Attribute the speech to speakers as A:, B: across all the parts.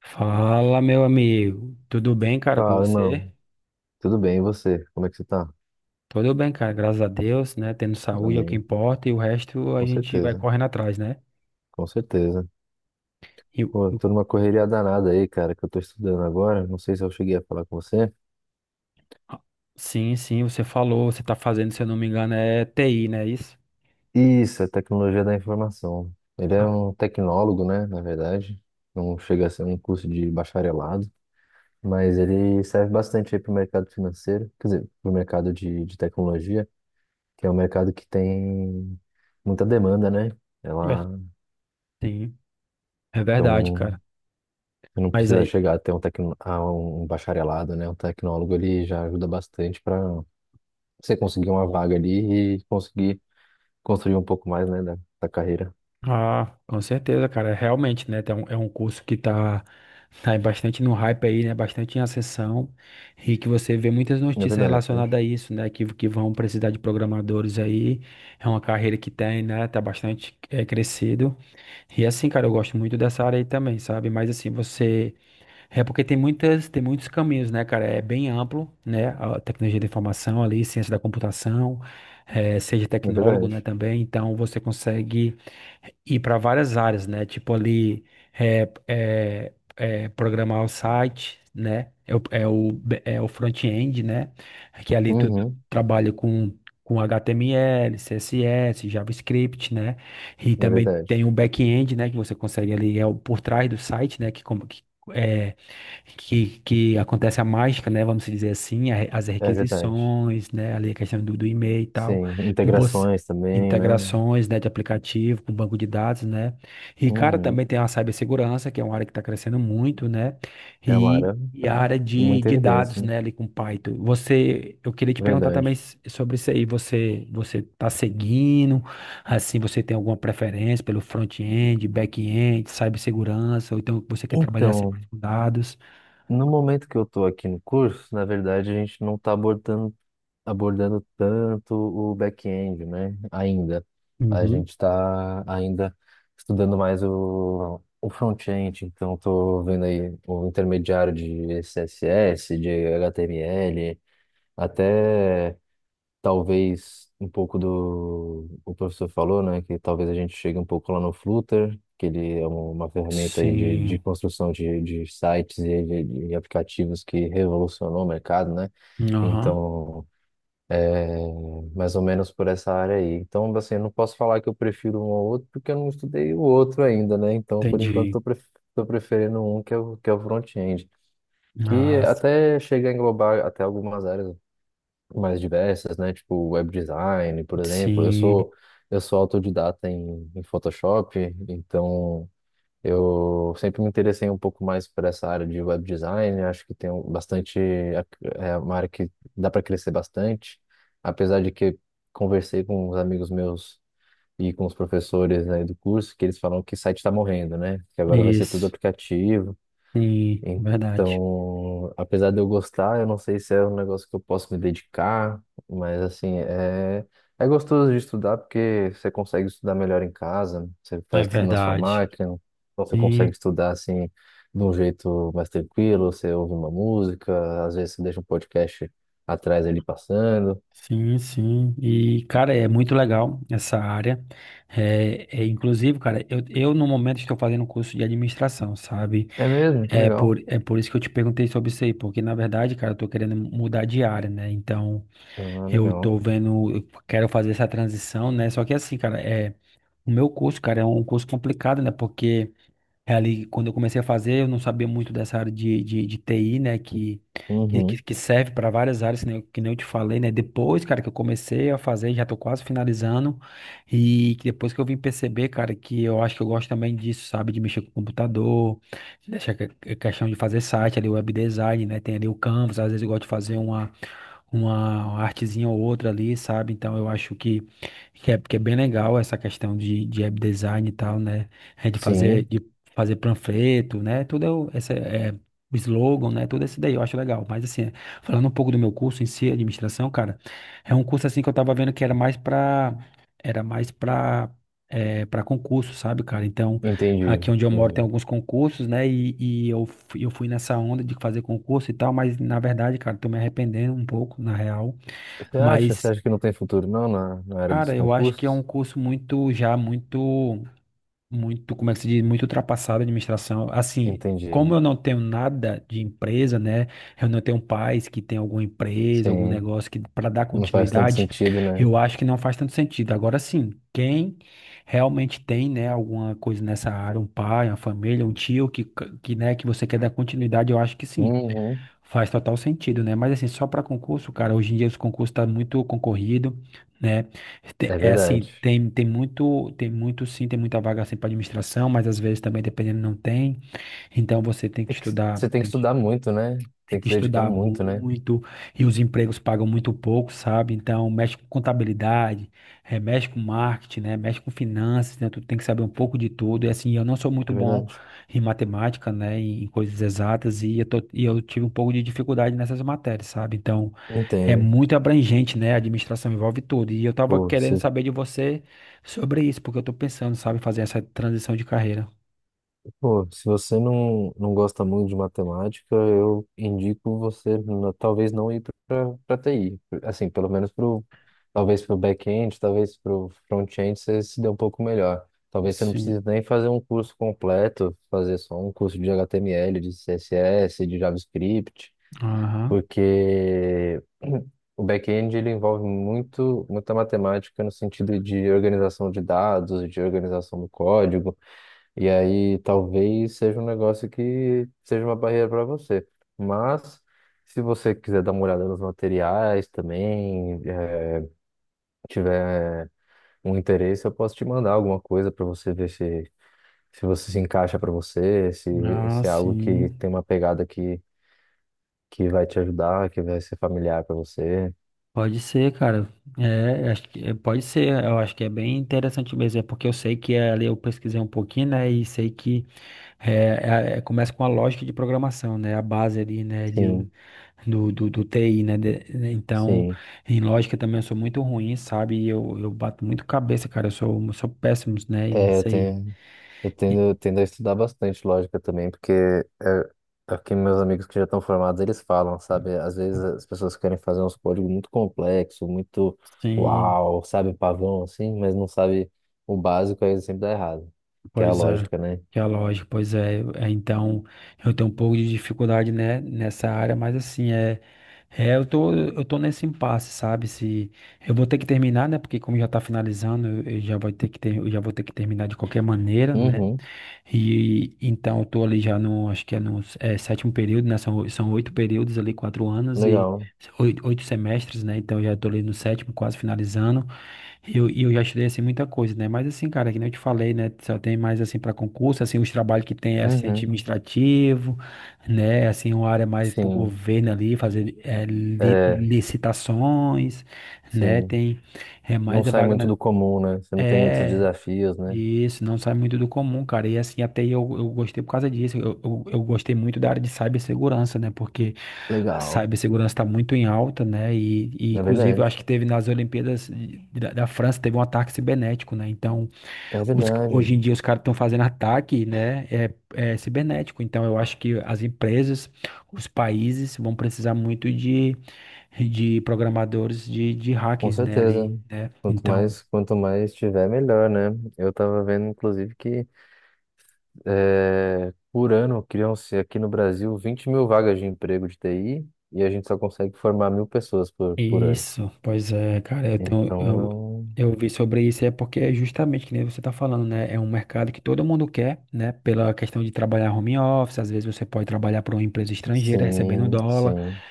A: Fala, meu amigo. Tudo bem, cara, com
B: Fala, irmão.
A: você?
B: Tudo bem, e você? Como é que você tá?
A: Tudo bem, cara, graças a Deus, né? Tendo saúde é o que
B: Amém.
A: importa e o resto a
B: Com
A: gente vai
B: certeza,
A: correndo atrás, né?
B: com certeza.
A: E o-
B: Pô,
A: o-
B: tô numa correria danada aí, cara, que eu tô estudando agora. Não sei se eu cheguei a falar com você.
A: ah, sim, sim, você falou, você tá fazendo, se eu não me engano, é TI, né? Isso?
B: Isso, é tecnologia da informação. Ele é
A: Ah,
B: um tecnólogo, né, na verdade. Não chega a ser um curso de bacharelado, mas ele serve bastante aí pro mercado financeiro, quer dizer, pro mercado de tecnologia, que é um mercado que tem muita demanda, né?
A: é.
B: Ela,
A: Sim, é verdade,
B: então,
A: cara.
B: você não
A: Mas
B: precisa
A: aí,
B: chegar até um, tecno, a um bacharelado, né? Um tecnólogo, ele já ajuda bastante para você conseguir uma vaga ali e conseguir construir um pouco mais, né, da carreira.
A: ah, com certeza, cara. É, realmente, né? É um curso que tá bastante no hype aí, né? Bastante em ascensão. E que você vê muitas
B: É
A: notícias
B: verdade,
A: relacionadas a isso, né? Que vão precisar de programadores aí. É uma carreira que tem, né? Tá bastante crescido. E assim, cara, eu gosto muito dessa área aí também, sabe? Mas assim, você. É porque tem muitos caminhos, né, cara? É bem amplo, né? A tecnologia da informação ali, ciência da computação, seja
B: é
A: tecnólogo, né,
B: verdade.
A: também. Então você consegue ir para várias áreas, né? Tipo ali, programar o site, né? É o front-end, né? Que ali tu
B: Uhum,
A: trabalha com HTML, CSS, JavaScript, né? E
B: é
A: também tem
B: verdade,
A: o back-end, né? Que você consegue ali, é o por trás do site, né? Que acontece a mágica, né? Vamos dizer assim, as
B: é verdade.
A: requisições, né? Ali a questão do e-mail e tal,
B: Sim,
A: você,
B: integrações também, né?
A: integrações, né, de aplicativo com banco de dados, né? E, cara,
B: Uhum.
A: também tem a cibersegurança, que é uma área que está crescendo muito, né?
B: É uma área,
A: E a
B: tá?
A: área
B: Muita
A: de dados,
B: evidência, né?
A: né, ali com Python. Você, eu queria te perguntar também
B: Verdade.
A: sobre isso aí. Você tá seguindo? Assim, você tem alguma preferência pelo front-end, back-end, cibersegurança, ou então você quer trabalhar sempre
B: Então,
A: com dados?
B: no momento que eu estou aqui no curso, na verdade, a gente não está abordando tanto o back-end, né? Ainda. A
A: Uhum.
B: gente está ainda estudando mais o front-end, então estou vendo aí o intermediário de CSS, de HTML, até talvez um pouco do o professor falou, né? Que talvez a gente chegue um pouco lá no Flutter, que ele é um, uma ferramenta aí de
A: Sim.
B: construção de sites e de aplicativos que revolucionou o mercado, né?
A: Aham.
B: Então. É, mais ou menos por essa área aí. Então, assim, eu não posso falar que eu prefiro um ao outro, porque eu não estudei o outro ainda, né? Então, por enquanto,
A: Entendi.
B: tô preferindo um que é o front-end, que
A: Ah,
B: até chega a englobar até algumas áreas mais diversas, né? Tipo, web design, por exemplo.
A: sim.
B: Eu sou autodidata em Photoshop, então eu sempre me interessei um pouco mais por essa área de web design, acho que bastante, é uma área que dá para crescer bastante, apesar de que conversei com os amigos meus e com os professores, né, do curso, que eles falam que site está morrendo, né? Que agora vai ser tudo
A: Isso.
B: aplicativo,
A: Sim, verdade.
B: então, apesar de eu gostar, eu não sei se é um negócio que eu posso me dedicar, mas assim, é, é gostoso de estudar porque você consegue estudar melhor em casa, você
A: É
B: faz tudo na sua
A: verdade.
B: máquina, então você consegue
A: Sim,
B: estudar assim de um jeito mais tranquilo, você ouve uma música, às vezes você deixa um podcast atrás ali passando.
A: sim, sim. E, cara, é muito legal essa área. Inclusive, cara, eu no momento estou fazendo um curso de administração, sabe?
B: É mesmo, que legal.
A: É por isso que eu te perguntei sobre isso aí, porque na verdade, cara, eu tô querendo mudar de área, né? Então,
B: Ah,
A: eu
B: legal.
A: tô vendo, eu quero fazer essa transição, né? Só que assim, cara, é. O meu curso, cara, é um curso complicado, né? Porque é ali, quando eu comecei a fazer, eu não sabia muito dessa área de TI, né?
B: Uhum.
A: Que serve para várias áreas, né? Que nem eu te falei, né? Depois, cara, que eu comecei a fazer, já tô quase finalizando. E que depois que eu vim perceber, cara, que eu acho que eu gosto também disso, sabe? De mexer com o computador, é questão de fazer site ali, web design, né? Tem ali o Canvas, às vezes eu gosto de fazer uma artezinha ou outra ali, sabe? Então eu acho que é bem legal essa questão de web design e tal, né?
B: Sim,
A: De fazer panfleto, né? Tudo é, o- essa, é, o slogan, né? Tudo isso daí eu acho legal. Mas assim, falando um pouco do meu curso em si, administração, cara, é um curso assim que eu tava vendo que era mais pra, é, para concurso, sabe, cara? Então,
B: entendi,
A: aqui onde eu moro tem
B: entendi.
A: alguns concursos, né? Eu fui nessa onda de fazer concurso e tal, mas na verdade, cara, tô me arrependendo um pouco, na real.
B: Você acha? Você
A: Mas,
B: acha que não tem futuro não na, na área dos
A: cara, eu acho que é um
B: concursos?
A: curso muito, já muito muito, como é que se diz, muito ultrapassada, a administração. Assim,
B: Entendi.
A: como eu não tenho nada de empresa, né? Eu não tenho pais que tem alguma empresa, algum
B: Sim,
A: negócio que para dar
B: não faz tanto
A: continuidade,
B: sentido, né?
A: eu acho que não faz tanto sentido. Agora sim, quem realmente tem, né, alguma coisa nessa área, um pai, uma família, um tio que né, que você quer dar continuidade, eu acho que sim.
B: Uhum.
A: Faz total sentido, né? Mas assim, só para concurso, cara, hoje em dia os concursos tá muito concorrido, né?
B: É
A: É
B: verdade.
A: assim, tem muito sim, tem muita vaga assim para administração, mas às vezes também dependendo não tem. Então você tem que
B: É que
A: estudar,
B: você tem que estudar muito, né?
A: tem
B: Tem que
A: que
B: se dedicar
A: estudar
B: muito, né?
A: muito e os empregos pagam muito pouco, sabe? Então, mexe com contabilidade, mexe com marketing, né? Mexe com finanças, né? Tu tem que saber um pouco de tudo. E assim, eu não sou muito
B: É
A: bom
B: verdade.
A: em matemática, né? Em coisas exatas e eu tive um pouco de dificuldade nessas matérias, sabe? Então, é
B: Entendo.
A: muito abrangente, né? A administração envolve tudo. E eu tava
B: Pô, se
A: querendo saber de você sobre isso, porque eu tô pensando, sabe, em fazer essa transição de carreira.
B: Pô, se você não, não gosta muito de matemática, eu indico você talvez não ir para TI. Assim, pelo menos pro, talvez para o back-end, talvez para o front-end você se dê um pouco melhor. Talvez você não
A: Sim.
B: precise nem fazer um curso completo, fazer só um curso de HTML, de CSS, de JavaScript,
A: Aham.
B: porque o back-end ele envolve muito, muita matemática no sentido de organização de dados, de organização do código. E aí talvez seja um negócio que seja uma barreira para você. Mas se você quiser dar uma olhada nos materiais também, tiver um interesse, eu posso te mandar alguma coisa para você ver se, se você se encaixa para você, se,
A: Ah,
B: se é algo que
A: sim.
B: tem uma pegada que vai te ajudar, que vai ser familiar para você.
A: Pode ser, cara. Pode ser. Eu acho que é bem interessante mesmo. É porque eu sei que é, ali eu pesquisei um pouquinho, né? E sei que é, começa com a lógica de programação, né? A base ali, né? De,
B: Sim,
A: do TI, né? Né, então,
B: sim.
A: em lógica também eu sou muito ruim, sabe? Eu bato muito cabeça, cara. Eu sou péssimo, né?
B: É, eu
A: Nisso aí.
B: tenho, eu tendo a estudar bastante lógica também, porque é, é o que meus amigos que já estão formados, eles falam, sabe? Às vezes as pessoas querem fazer uns códigos muito complexos, muito
A: Sim,
B: uau, sabe, um pavão assim, mas não sabe o básico, aí sempre dá errado, que é a
A: pois é,
B: lógica, né?
A: que é lógico, pois é, é, então eu tenho um pouco de dificuldade, né, nessa área, mas assim, eu tô nesse impasse, sabe, se, eu vou ter que terminar, né, porque como já tá finalizando, eu já vou ter que terminar de qualquer maneira, né,
B: Uhum,
A: e então eu tô ali já no, acho que é no é, sétimo período, né, são, são oito períodos ali, quatro anos e
B: legal.
A: oito, oito semestres, né, então eu já tô ali no sétimo, quase finalizando, e eu já estudei, assim, muita coisa, né? Mas, assim, cara, que nem eu te falei, né? Só tem mais, assim, para concurso, assim, os trabalhos que tem é assistente
B: Uhum,
A: administrativo, né? Assim, uma área mais pro
B: sim,
A: governo ali, fazer
B: é,
A: licitações, né?
B: sim.
A: Tem é
B: Não
A: mais a
B: sai
A: vaga
B: muito
A: na,
B: do comum, né? Você não tem muitos
A: é,
B: desafios, né?
A: isso, não sai muito do comum, cara. E assim, até eu gostei por causa disso. Eu gostei muito da área de cibersegurança, né? Porque a
B: Legal,
A: cibersegurança está muito em alta, né? E
B: é
A: inclusive eu
B: verdade,
A: acho que teve nas Olimpíadas da França, teve um ataque cibernético, né? Então,
B: é
A: hoje em
B: verdade.
A: dia os caras estão fazendo ataque, né? É cibernético. Então, eu acho que as empresas, os países vão precisar muito de programadores de
B: Com
A: hackers, né?
B: certeza.
A: Ali, né? Então.
B: Quanto mais tiver, melhor, né? Eu tava vendo, inclusive, que por ano criam-se aqui no Brasil 20 mil vagas de emprego de TI e a gente só consegue formar 1.000 pessoas por ano.
A: Isso, pois é, cara,
B: Então,
A: eu vi sobre isso, é porque é justamente que nem você está falando, né? É um mercado que todo mundo quer, né? Pela questão de trabalhar home office, às vezes você pode trabalhar para uma empresa estrangeira, recebendo
B: sim,
A: dólar,
B: sim,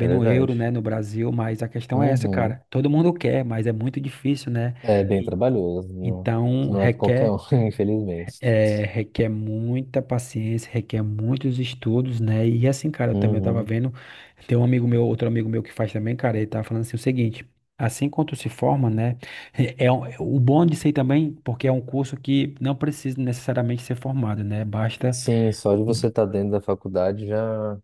B: é
A: euro,
B: verdade.
A: né? No Brasil, mas a questão é essa,
B: Uhum.
A: cara. Todo mundo quer, mas é muito difícil, né?
B: É bem
A: E,
B: trabalhoso, não,
A: então
B: não é pra qualquer um,
A: requer
B: infelizmente.
A: é, requer muita paciência, requer muitos estudos, né? E assim, cara, eu também tava
B: Uhum.
A: vendo, tem um amigo meu, outro amigo meu que faz também, cara, ele tava falando assim o seguinte, assim quanto se forma, né? É o bom de ser também, porque é um curso que não precisa necessariamente ser formado, né? Basta,
B: Sim, só de você estar dentro da faculdade já,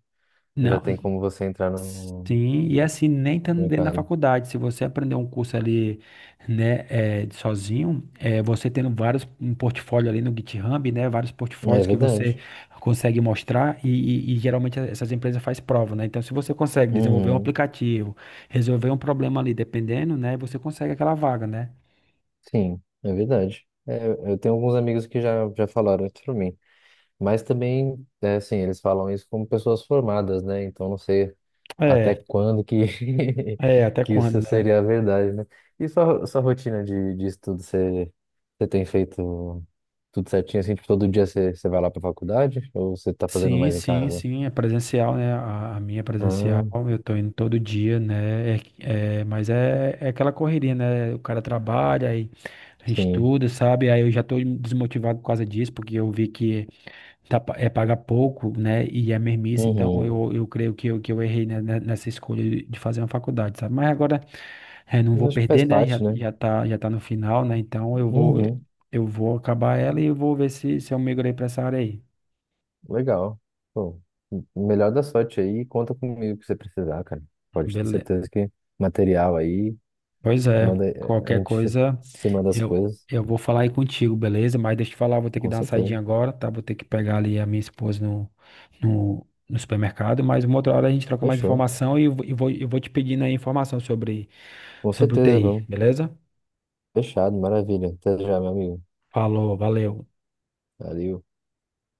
B: já
A: não,
B: tem como você entrar no
A: sim, e
B: no
A: assim, nem estando dentro da
B: mercado.
A: faculdade, se você aprender um curso ali, né, de sozinho, você tendo vários, um portfólio ali no GitHub, né, vários
B: É
A: portfólios que você
B: verdade.
A: consegue mostrar e geralmente essas empresas fazem prova, né, então se você consegue desenvolver um
B: Uhum.
A: aplicativo, resolver um problema ali, dependendo, né, você consegue aquela vaga, né.
B: Sim, é verdade. É, eu tenho alguns amigos que já, já falaram isso pra mim. Mas também, é assim, eles falam isso como pessoas formadas, né? Então não sei até
A: É,
B: quando que,
A: até
B: que isso
A: quando, né?
B: seria a verdade, né? E sua, sua rotina de estudo, você, você tem feito tudo certinho, assim, tipo, todo dia você, você vai lá pra faculdade? Ou você tá fazendo
A: Sim,
B: mais em
A: sim,
B: casa?
A: sim, é presencial, né? A minha é presencial,
B: Ah,
A: eu tô indo todo dia, né? Mas é aquela correria, né? O cara trabalha, aí
B: sim.
A: estuda, sabe? Aí eu já tô desmotivado por causa disso, porque eu vi que tá, é paga pouco, né? E é mermice, então
B: Uhum.
A: eu creio que eu errei, né, nessa escolha de fazer uma faculdade, sabe? Mas agora é, não
B: Eu
A: vou
B: acho que faz
A: perder, né?
B: parte, né?
A: Já tá no final, né? Então
B: Uhum.
A: eu vou acabar ela e eu vou ver se eu migrei pra essa área aí.
B: Legal. Pô, melhor da sorte aí. Conta comigo que você precisar, cara. Pode ter
A: Beleza.
B: certeza que material aí,
A: Pois é,
B: manda, a
A: qualquer
B: gente
A: coisa
B: se manda as
A: eu,
B: coisas.
A: eu vou falar aí contigo, beleza? Mas deixa eu te falar, vou ter que
B: Com
A: dar uma saidinha
B: certeza.
A: agora, tá? Vou ter que pegar ali a minha esposa no supermercado, mas uma outra hora a gente troca mais
B: Fechou.
A: informação eu vou te pedindo aí informação sobre,
B: Com
A: sobre o
B: certeza,
A: TI,
B: vamos.
A: beleza?
B: Fechado, maravilha. Até já, meu amigo.
A: Falou, valeu.
B: Valeu.